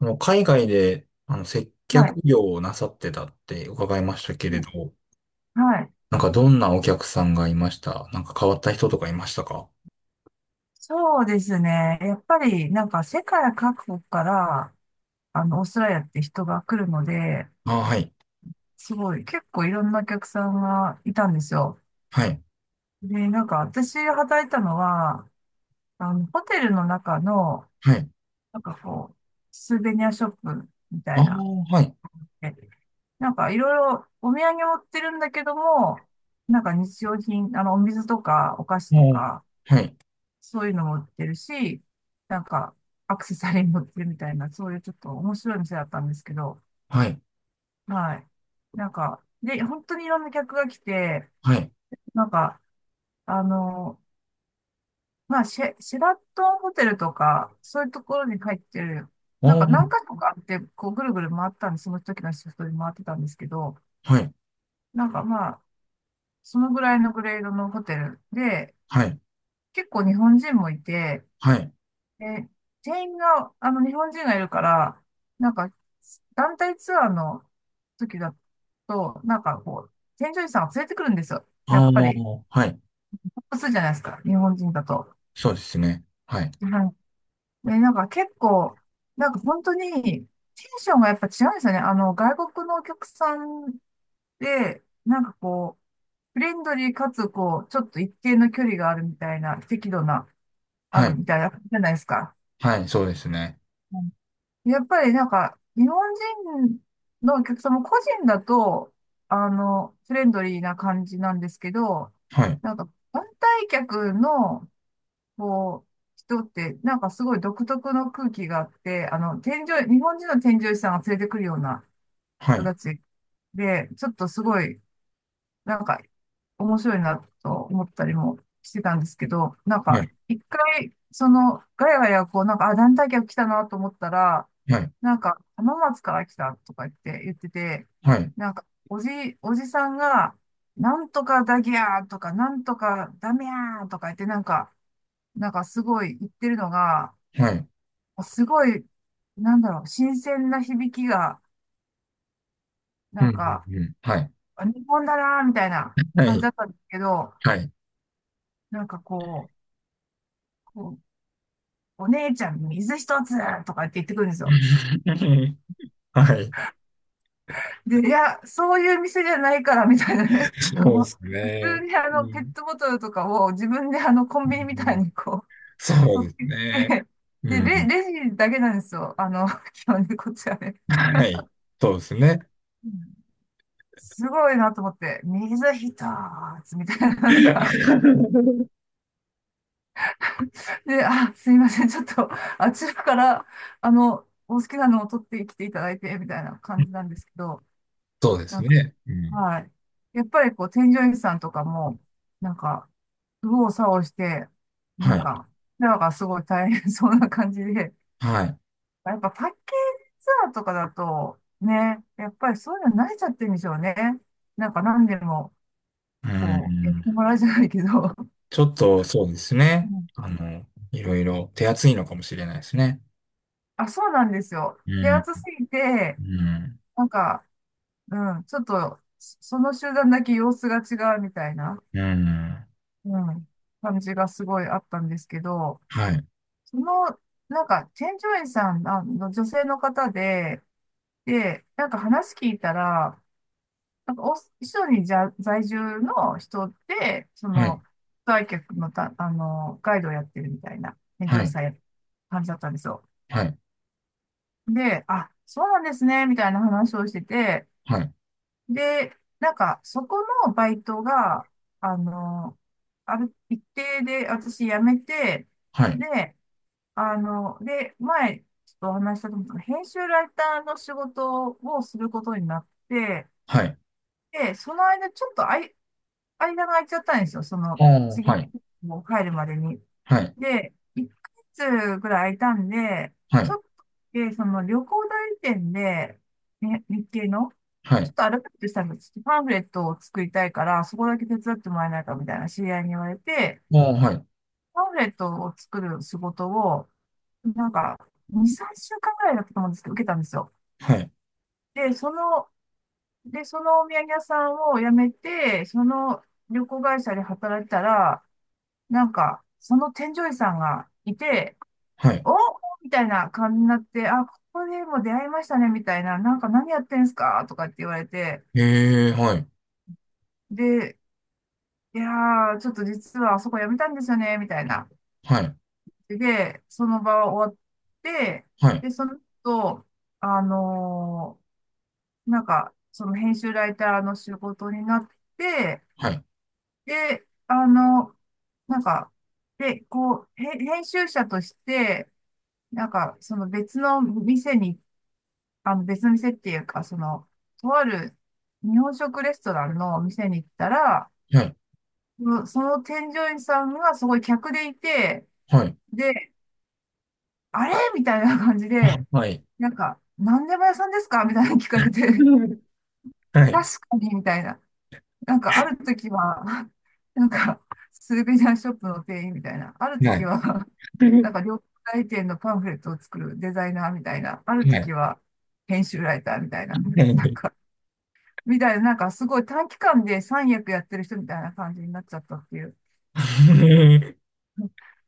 あの、海外で、接は客い。業をなさってたって伺いましたけれど、はい。なんかどんなお客さんがいましたなんか変わった人とかいましたか？そうですね。やっぱり、なんか世界各国から、オーストラリアって人が来るので、ああ、はい。すごい、結構いろんなお客さんがいたんですよ。はい。で、なんか私が働いたのは、ホテルの中の、はい。なんかこう、スーベニアショップみたあいあ、な、はい。えなんかいろいろお土産を売ってるんだけども、なんか日用品、お水とかお菓子ともか、う、はい。そういうのも売ってるし、なんか、アクセサリーも売ってるみたいな、そういうちょっと面白い店だったんですけど、はい。はい。なんか、で、本当にいろんな客が来て、はい。なんか、あの、まあ、シェラトンホテルとか、そういうところに入ってる、なんああ、か何か所かあって、こう、ぐるぐる回ったんで、その時のシフトで回ってたんですけど、はい。なんかまあ、そのぐらいのグレードのホテルで、はい。結構日本人もいて、はい。で、全員が、日本人がいるから、なんか、団体ツアーの時だと、なんかこう、添乗員さんが連れてくるんですよ。やっあぱり、あ、はい。複数じゃないですか、日本人だと。そうですね。はい。はい。で、なんか結構、なんか本当に、テンションがやっぱ違うんですよね。外国のお客さんで、なんかこう、フレンドリーかつ、こう、ちょっと一定の距離があるみたいな、適度な、あはるい。みたいな、じゃないですか。はい。そうですね。やっぱりなんか、日本人のお客様、個人だと、フレンドリーな感じなんですけど、はい。なんか、団体客の、こう、人って、なんかすごい独特の空気があって、添乗員、日本人の添乗員さんが連れてくるようなは人い。たちで、ちょっとすごい、なんか、面白いなと思ったりもしてたんですけど、なんはか、い。一回、その、ガヤガヤ、こう、なんか、あ、団体客来たなと思ったら、はい。なんか、浜松から来たとか言ってて、はい。なんか、おじさんが、なんとかだぎゃーとか、なんとかダメやーとか言って、なんか、すごい言ってるのが、はい。すごい、なんだろう、新鮮な響きが、うなん、うんか、ん、うん。はい。あ日本だなーみたいなは感じだい。ったんですけど、はい。なんかこう、こうお姉ちゃん水一つとかって言ってくるんですよ。はい。で、いや、そういう店じゃないからみたいなね。そうです普通ね。にうペッん、トボトルとかを自分でコンうビニみたいん。にこそうう取でっすてきね。て、で、うん。レジだけなんですよ。基本でこっちはね。はい。そうですね。うん。すごいなと思って、水一つみたいな、なんか、で、あ、すいません、ちょっと、あちらから、お好きなのを取ってきていただいて、みたいな感じなんですけど、そうでなすんね。うん。はい。やっぱりこう、添乗員さんとかも、なんか、右往左往して、なはんい。か、すごい大変そうな感じで、はい。やっぱパッケージツアーとかだと、ね、やっぱりそういうの慣れちゃってるんでしょうね。なんか何でも、うこう、やっん。てもらうじゃないけど。ちょっと、そうですうね。ん。いろいろ手厚いのかもしれないですね。あ、そうなんですよ。う手ん。厚すぎて、うん。なんか、うん、ちょっと、その集団だけ様子が違うみたいな、うん。うん、感じがすごいあったんですけど、はい。その、なんか、チェン・ジョイさん女性の方で、で、なんか話聞いたら、なんかオース、一緒にじゃ在住の人で、そはい。の、来客のた、ガイドをやってるみたいな、チェン・ジはョイい。さんや感じだったんですよ。はい。で、あ、そうなんですね、みたいな話をしてて、はい。で、なんか、そこのバイトが、あの、ある一定で私辞めて、はい。で、で、前、ちょっとお話ししたと思うんですけど、編集ライターの仕事をすることになって、はい。で、その間、ちょっと間が空いちゃったんですよ。そあの、あ、次、はい。もう帰るまでに。はい。で、1ヶ月ぐらい空いたんで、はちい。ょっと、で、その旅行代理店で、ね、日系の、はちょっい。とアルバイトしたんです。パンフレットを作りたいから、そこだけ手伝ってもらえないかみたいな知り合いに言われて、ああ、はい。パンフレットを作る仕事を、なんか、2、3週間ぐらいだったと思うんですけど、受けたんですよ。はい。で、で、そのお土産屋さんを辞めて、その旅行会社で働いてたら、なんか、その添乗員さんがいて、はい。お、みたいな感じになって、あ、ここでも出会いましたね、みたいな、なんか何やってんすかとかって言われて、へえ、はい。で、いやー、ちょっと実はあそこ辞めたんですよね、みたいな。はい。で、その場は終わって、はい、で、その後、あのなんか、その編集ライターの仕事になって、はい、で、なんか、で、こう、編集者として、なんか、その別の店に、別の店っていうか、その、とある日本食レストランの店に行ったら、はい、その添乗員さんがすごい客でいて、はい、で、あれみたいな感じで、はい、なんか、何でも屋さんですかみたいなの聞かれて、はい、確かに、みたいな。なんかある時は、なんかスーベニアショップの店員みたいな、あるはい、は時い。は、なんか料理店のパンフレットを作るデザイナーみたいな、ある時は編集ライターみたいな、なんか、みたいな、なんかすごい短期間で三役やってる人みたいな感じになっちゃったっていう。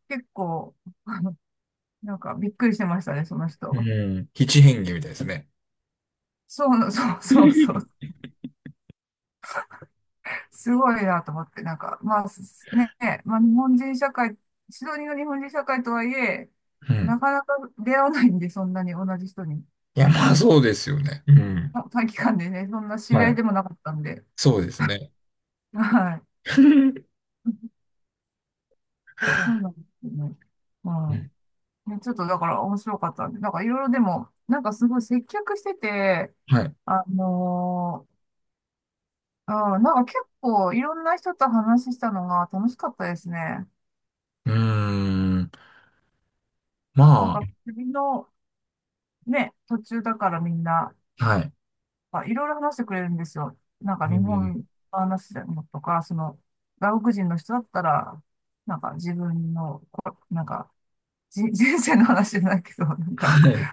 結構、なんかびっくりしてましたね、そのう人。ん。七変化みたいですね。そう、そうそうそうう。すごいなと思って、なんか、まあ、まあ、日本人社会、シドニーの日本人社会とはいえ、ん。なかなか出会わないんで、そんなに同じ人に。いや、まあそうですよね。うん。短期間でね、そんな知りは合いい。でもなかったんで。そうですね。はい。うん、そうなんですよね。うん。ね、ちょっとだから面白かったんで、なんかいろいろでも、なんかすごい接客してて、はい。あのうん、なんか結構いろんな人と話したのが楽しかったですね。うーん。まなんあ、か旅のね、途中だからみんな、はい。まあ、いろいろ話してくれるんですよ。なんかう日ん。本の話でもとか、その、外国人の人だったら、なんか自分の、なんか、人生の話じゃないけど、なんか、はい。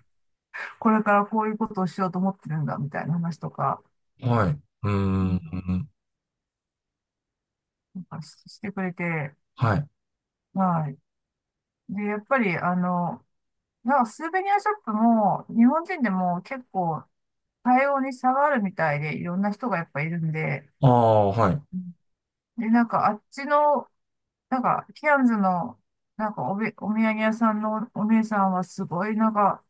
これからこういうことをしようと思ってるんだ、みたいな話とか、はい。うーうん、ん。なんかしてくれて、はい。はい。で、やっぱり、なんかスーベニアショップも、日本人でも結構、対応に差があるみたいで、いろんな人がやっぱいるんで、ああ、はい。うん。で、なんかあっちのなんか、キアンズの、お土産屋さんのお姉さんはすごい、なんか、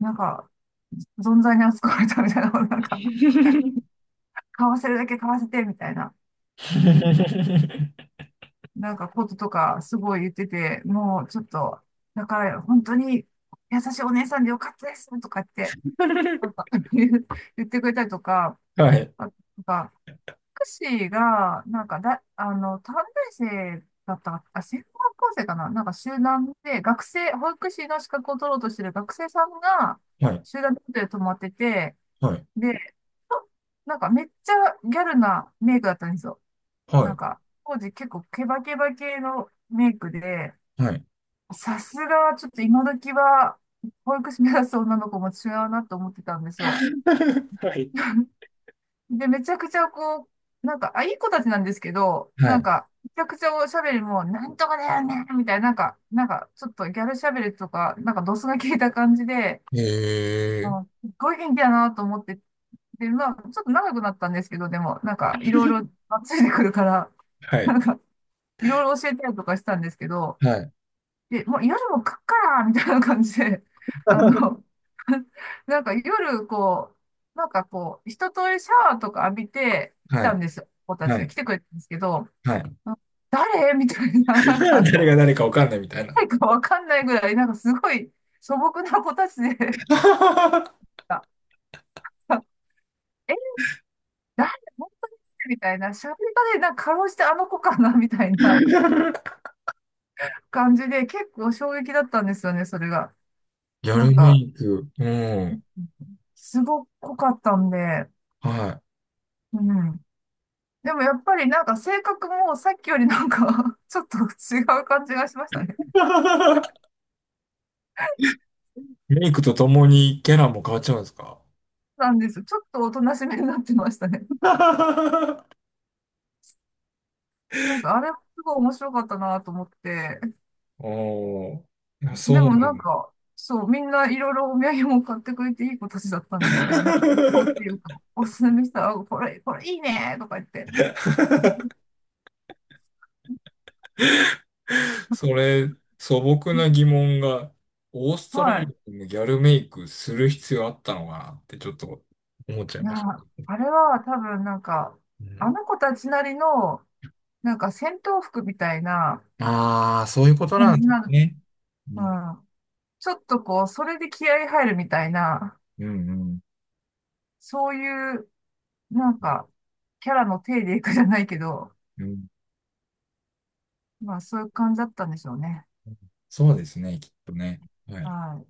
なんか、存在に扱われたみたいな、なんか、買わせるだけ買わせて、みたいな、うん、なんかこととか、すごい言ってて、もうちょっと、だから、本当に優しいお姉さんでよかったです、とかって、なん か 言ってくれたりとか、はい。あ、なんかクシーが、なんかだ、短大生だったか、あ、専門学校生かななんか集団で、学生、保育士の資格を取ろうとしてる学生さんが、はい。集団でホテル泊まってて、はい。で、となんかめっちゃギャルなメイクだったんですよ。はない。んか、当時結構ケバケバ系のメイクで、はい。さすがちょっと今時は、保育士目指す女の子も違うなと思ってたんですよ。はい。で、めちゃくちゃこう、なんか、あ、いい子たちなんですけど、はなんい。か、めちゃくちゃおしゃべりも、なんとかだよね、みたいな、なんか、ちょっとギャルしゃべりとか、なんか、ドスが効いた感じで、えー。あ、すっごい元気だなと思って、で、まあ、ちょっと長くなったんですけど、でも、なんか、いろいろ、あついてくるから、はない。んか、いろいろ教えたりとかしたんですけど、はい。で、もう夜も食っからみたいな感じで、あの、なんか夜、こう、なんかこう、一通りシャワーとか浴びて来はたんい。ですよ。子たちはがい。来てくれたんですけど、はい。あ誰みたいな、なんか、誰が誰かわかんないみたいな。誰かわかんないぐらい、なんかすごい素朴な子たちで、あえ、誰本当にみたいな、喋り方で、なんかかろうじてあの子かなみたいな感じで、結構衝撃だったんですよね、それが。やなるんメか、イク。うん。すごかったんで、はい。うん。でもやっぱりなんか性格もさっきよりなんか ちょっと違う感じがしましたね。メイクとともにキャラも変わっちゃうんですか？ なんですちょっとおとなしめになってましたね。なんかあれもすごい面白かったなと思って。おー。いやそうでなもなんん。 か、そう、みんないろいろお土産も買ってくれていい子たちだったんですけど、なんか、こうっていうか、おすすめしたら、あこれ、これいいねとか言って。それ、素朴な疑問が、オーストラはい。リアのギャルメイクする必要あったのかなってちょっと思っちゃいいや、ました。あれは多分なんか、うあん、の子たちなりの、なんか戦闘服みたいなああ、そういうことな感んじにですなる。ね。ううん、ん。ちょっとこう、それで気合い入るみたいな、うん、うん。そういう、なんか、キャラの体でいくじゃないけど、うん。まあそういう感じだったんでしょうね。そうですね、きっとね。ははい。い。